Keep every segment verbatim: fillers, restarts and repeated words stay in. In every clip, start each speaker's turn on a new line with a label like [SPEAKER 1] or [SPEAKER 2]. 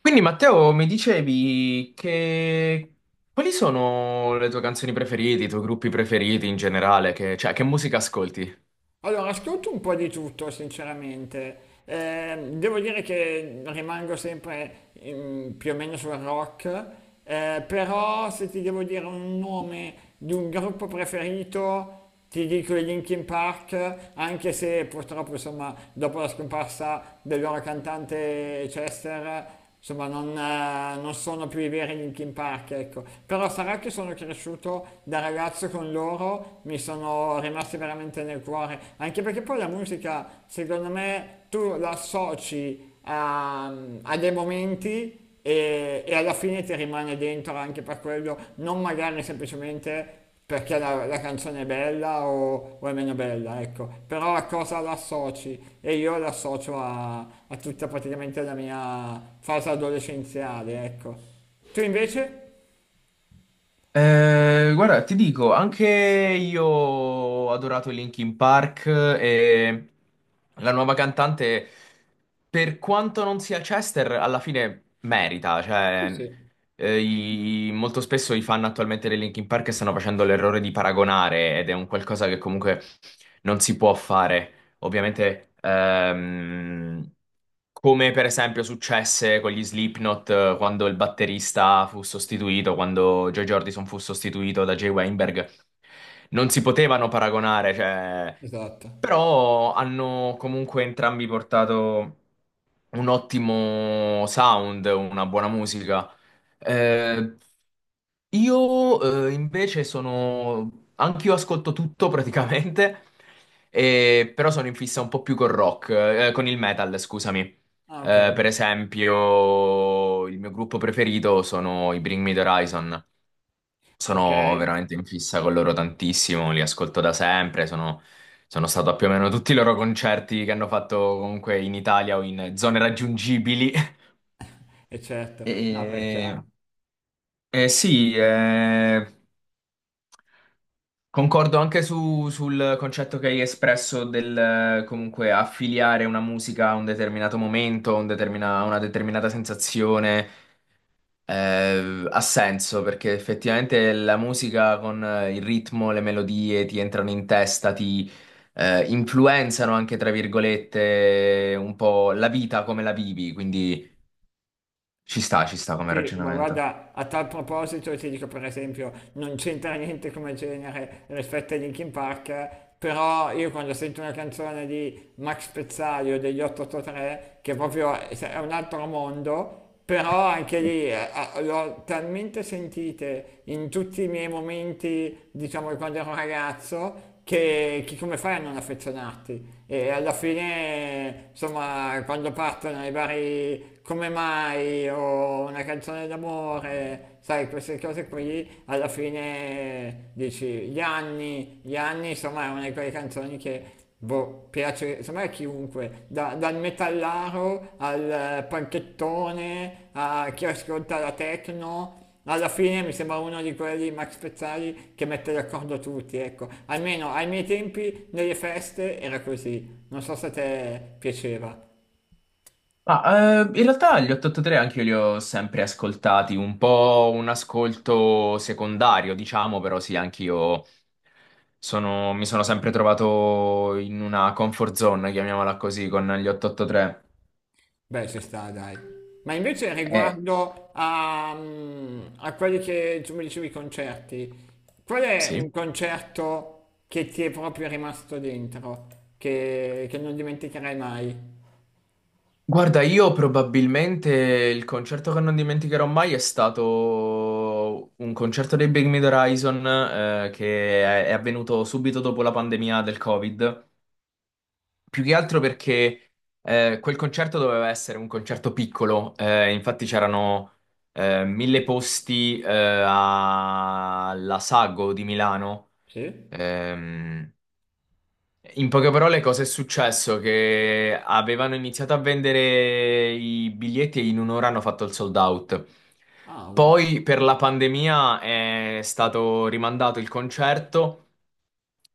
[SPEAKER 1] Quindi Matteo, mi dicevi che quali sono le tue canzoni preferite, i tuoi gruppi preferiti in generale, che, cioè che musica ascolti?
[SPEAKER 2] Allora, ascolto un po' di tutto, sinceramente. Eh, devo dire che rimango sempre mm, più o meno sul rock. Eh, però se ti devo dire un nome di un gruppo preferito, ti dico i Linkin Park, anche se purtroppo, insomma, dopo la scomparsa del loro cantante Chester, insomma, non, eh, non sono più i veri Linkin Park, ecco. Però sarà che sono cresciuto da ragazzo con loro, mi sono rimasti veramente nel cuore. Anche perché poi la musica, secondo me, tu la associ a, a dei momenti e, e alla fine ti rimane dentro anche per quello, non magari semplicemente perché la, la canzone è bella o, o è meno bella, ecco, però a cosa l'associ? E io l'associo a, a tutta praticamente la mia fase adolescenziale, ecco. Tu invece?
[SPEAKER 1] Eh, guarda, ti dico, anche io ho adorato Linkin Park e la nuova cantante, per quanto non sia Chester, alla fine merita, cioè eh, i- i- molto spesso i fan attualmente dei Linkin Park stanno facendo l'errore di paragonare ed è un qualcosa che comunque non si può fare. Ovviamente, ehm, come per esempio successe con gli Slipknot, eh, quando il batterista fu sostituito, quando Joy Jordison fu sostituito da Jay Weinberg, non si potevano paragonare, cioè,
[SPEAKER 2] Esatto.
[SPEAKER 1] però hanno comunque entrambi portato un ottimo sound, una buona musica. Eh, io eh, invece sono... Anch'io ascolto tutto praticamente, e- però sono in fissa un po' più col rock, eh, con il metal, scusami. Eh,
[SPEAKER 2] Ah, ok.
[SPEAKER 1] per esempio, il mio gruppo preferito sono i Bring Me the Horizon.
[SPEAKER 2] Ok,
[SPEAKER 1] Sono veramente in fissa con loro tantissimo, li ascolto da sempre, sono, sono stato a più o meno tutti i loro concerti che hanno fatto comunque in Italia o in zone raggiungibili.
[SPEAKER 2] e certo, no, beh, è
[SPEAKER 1] E,
[SPEAKER 2] chiaro.
[SPEAKER 1] e sì, eh, concordo anche su- sul concetto che hai espresso del eh, comunque affiliare una musica a un determinato momento, un determina- una determinata sensazione. Eh, ha senso perché effettivamente la musica con eh, il ritmo, le melodie ti entrano in testa, ti eh, influenzano anche, tra virgolette, un po' la vita come la vivi, quindi ci sta, ci sta come
[SPEAKER 2] Sì, ma
[SPEAKER 1] ragionamento.
[SPEAKER 2] guarda, a tal proposito ti dico per esempio, non c'entra niente come genere rispetto a Linkin Park, però io quando sento una canzone di Max Pezzali o degli ottantotto tre, che proprio è è un altro mondo, però anche lì eh, ah, le ho talmente sentite in tutti i miei momenti, diciamo, di quando ero ragazzo, che, che come fai a non affezionarti? E alla fine, insomma, quando partono i vari come mai o una canzone d'amore, sai, queste cose qui, alla fine dici gli anni, gli anni, insomma, è una di quelle canzoni che boh, piace, secondo me a chiunque, da- dal metallaro al eh, panchettone, a chi ascolta la techno, alla fine mi sembra uno di quelli Max Pezzali che mette d'accordo tutti, ecco. Almeno ai miei tempi, nelle feste, era così. Non so se a te piaceva.
[SPEAKER 1] Ah, eh, in realtà gli otto otto tre anche io li ho sempre ascoltati, un po' un ascolto secondario, diciamo, però sì, anche io sono- mi sono sempre trovato in una comfort zone, chiamiamola così, con gli otto otto tre.
[SPEAKER 2] Beh, ci sta, dai. Ma invece riguardo a, mm, a quelli che tu mi dicevi i concerti, qual è un
[SPEAKER 1] Sì.
[SPEAKER 2] concerto che ti è proprio rimasto dentro, che, che non dimenticherai mai?
[SPEAKER 1] Guarda, io probabilmente il concerto che non dimenticherò mai è stato un concerto dei Big Mid Horizon, eh, che è è avvenuto subito dopo la pandemia del Covid. Più che altro perché eh, quel concerto doveva essere un concerto piccolo, eh, infatti c'erano eh, mille posti, eh, alla Sago di Milano.
[SPEAKER 2] Sì?
[SPEAKER 1] Ehm, In poche parole, cosa è successo? Che avevano iniziato a vendere i biglietti e in un'ora hanno fatto il sold out.
[SPEAKER 2] Ah, wow.
[SPEAKER 1] Poi per la pandemia è stato rimandato il concerto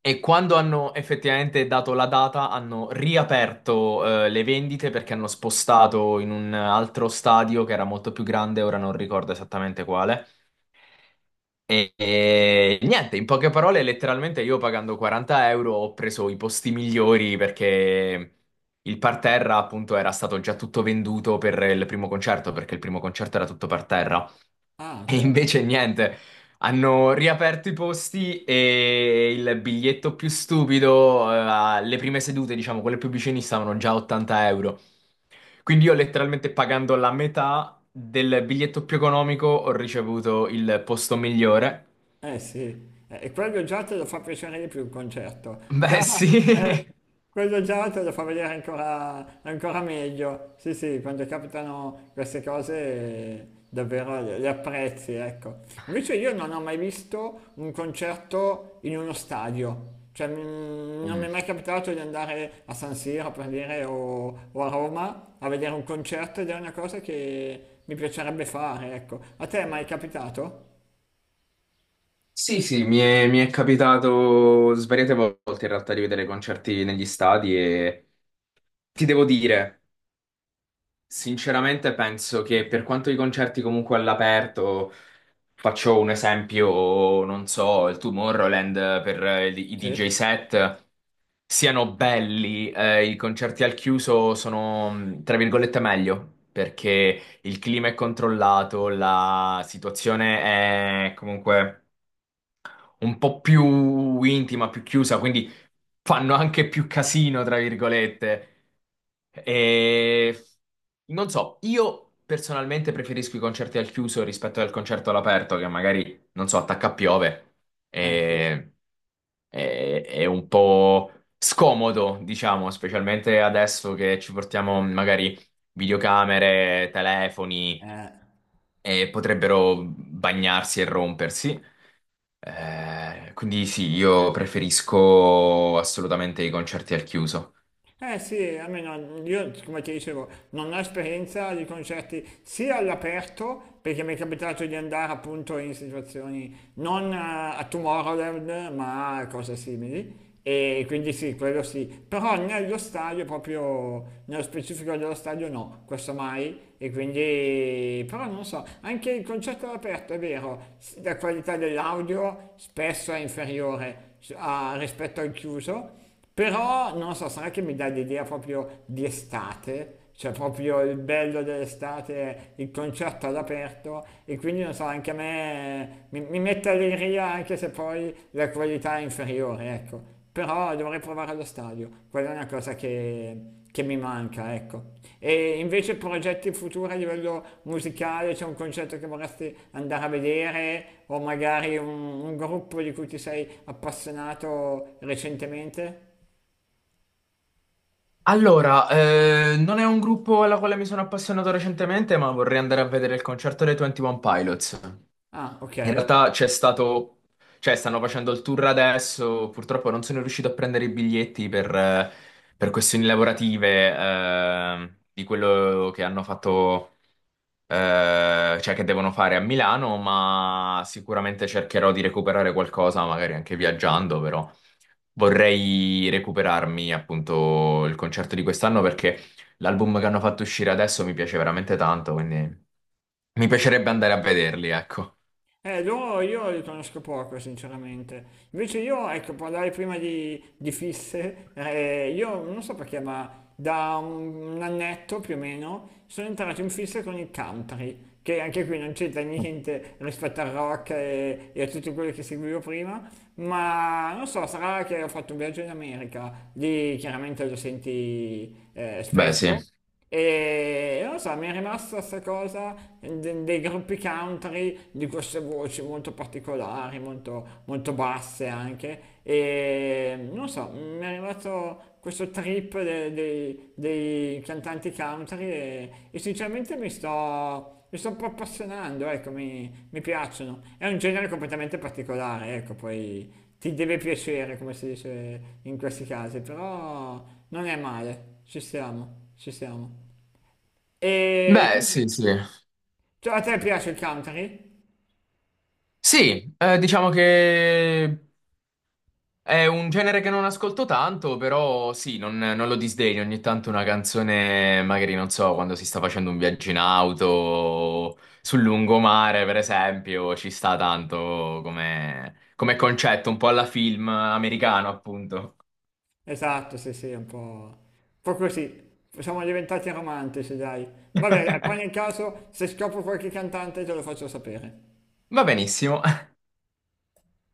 [SPEAKER 1] e quando hanno effettivamente dato la data hanno riaperto, eh, le vendite, perché hanno spostato in un altro stadio che era molto più grande, ora non ricordo esattamente quale. E, e niente, in poche parole, letteralmente io pagando quaranta euro ho preso i posti migliori perché il parterra appunto era stato già tutto venduto per il primo concerto, perché il primo concerto era tutto parterra.
[SPEAKER 2] Ah,
[SPEAKER 1] E
[SPEAKER 2] ok.
[SPEAKER 1] invece niente, hanno riaperto i posti e il biglietto più stupido, eh, alle prime sedute, diciamo, quelle più vicine, stavano già a ottanta euro. Quindi io letteralmente pagando la metà del biglietto più economico ho ricevuto il posto migliore.
[SPEAKER 2] Eh sì, eh, e quello già te lo fa piacere di più il concerto,
[SPEAKER 1] Beh,
[SPEAKER 2] già. eh,
[SPEAKER 1] sì.
[SPEAKER 2] Quello già te lo fa vedere ancora, ancora meglio, sì sì, quando capitano queste cose eh, davvero le, le apprezzi, ecco. Invece io non ho mai visto un concerto in uno stadio, cioè mm, non mi è
[SPEAKER 1] Mm.
[SPEAKER 2] mai capitato di andare a San Siro per dire o, o a Roma a vedere un concerto ed è una cosa che mi piacerebbe fare, ecco. A te è mai capitato?
[SPEAKER 1] Sì, sì, mi è, mi è capitato svariate volte in realtà di vedere concerti negli stadi e ti devo dire. Sinceramente penso che per quanto i concerti comunque all'aperto, faccio un esempio, non so, il Tomorrowland per eh, i D J
[SPEAKER 2] Sì,
[SPEAKER 1] set siano belli, eh, i concerti al chiuso sono, mh, tra virgolette, meglio, perché il clima è controllato, la situazione è comunque un po' più intima, più chiusa, quindi fanno anche più casino, tra virgolette. E non so, io personalmente preferisco i concerti al chiuso rispetto al concerto all'aperto, che magari, non so, attacca a piove.
[SPEAKER 2] eh sì.
[SPEAKER 1] E... È, è un po' scomodo, diciamo, specialmente adesso che ci portiamo magari videocamere, telefoni,
[SPEAKER 2] Eh,
[SPEAKER 1] e potrebbero bagnarsi e rompersi. Eh, quindi sì, io preferisco assolutamente i concerti al chiuso.
[SPEAKER 2] eh sì, almeno io, come ti dicevo, non ho esperienza di concerti sia all'aperto, perché mi è capitato di andare appunto in situazioni non eh, a Tomorrowland, ma a cose simili. E quindi sì, quello sì, però nello stadio, proprio nello specifico dello stadio no, questo mai. E quindi, però non so, anche il concerto all'aperto è vero, s- la qualità dell'audio spesso è inferiore s- a- rispetto al chiuso. Però non so, sarà che mi dà l'idea proprio di estate, cioè proprio il bello dell'estate è il concerto all'aperto e quindi non so, anche a me mi, mi mette allegria anche se poi la qualità è inferiore, ecco. Però dovrei provare allo stadio, quella è una cosa che, che mi manca, ecco. E invece progetti futuri a livello musicale, c'è un concerto che vorresti andare a vedere o magari un, un gruppo di cui ti sei appassionato recentemente?
[SPEAKER 1] Allora, eh, non è un gruppo alla quale mi sono appassionato recentemente, ma vorrei andare a vedere il concerto dei ventuno Pilots.
[SPEAKER 2] Ah,
[SPEAKER 1] In
[SPEAKER 2] ok.
[SPEAKER 1] realtà c'è stato, cioè stanno facendo il tour adesso, purtroppo non sono riuscito a prendere i biglietti per, eh, per questioni lavorative, eh, di quello che hanno fatto, eh, cioè che devono fare a Milano, ma sicuramente cercherò di recuperare qualcosa, magari anche viaggiando, però vorrei recuperarmi appunto il concerto di quest'anno perché l'album che hanno fatto uscire adesso mi piace veramente tanto, quindi mi piacerebbe andare a vederli, ecco.
[SPEAKER 2] Eh, loro io li conosco poco, sinceramente. Invece io, ecco, parlare prima di, di fisse, eh, io non so perché, ma da un, un annetto più o meno sono entrato in fisse con il country, che anche qui non c'entra niente rispetto al rock e, e a tutto quello che seguivo prima, ma non so, sarà che ho fatto un viaggio in America, lì chiaramente lo senti eh,
[SPEAKER 1] Beh, sì.
[SPEAKER 2] spesso. E non lo so, mi è rimasta questa cosa de- dei gruppi country, di queste voci molto particolari, molto, molto basse anche. E non lo so, mi è rimasto questo trip de- dei, dei cantanti country e, e sinceramente mi sto, mi sto un po' appassionando, ecco, mi, mi piacciono. È un genere completamente particolare, ecco, poi ti deve piacere, come si dice in questi casi, però non è male. Ci siamo, ci siamo. E
[SPEAKER 1] Beh,
[SPEAKER 2] quindi,
[SPEAKER 1] sì, sì.
[SPEAKER 2] cioè, a te piace il country?
[SPEAKER 1] Sì, eh, diciamo che è un genere che non ascolto tanto, però sì, non, non lo disdegno. Ogni tanto una canzone, magari non so, quando si sta facendo un viaggio in auto, sul lungomare, per esempio, ci sta tanto come, come concetto, un po' alla film americano, appunto.
[SPEAKER 2] Esatto, sì, sì, un po', un po' così. Siamo diventati romantici, dai. Vabbè, dai, poi nel caso, se scopro qualche cantante, te lo faccio sapere.
[SPEAKER 1] Va benissimo.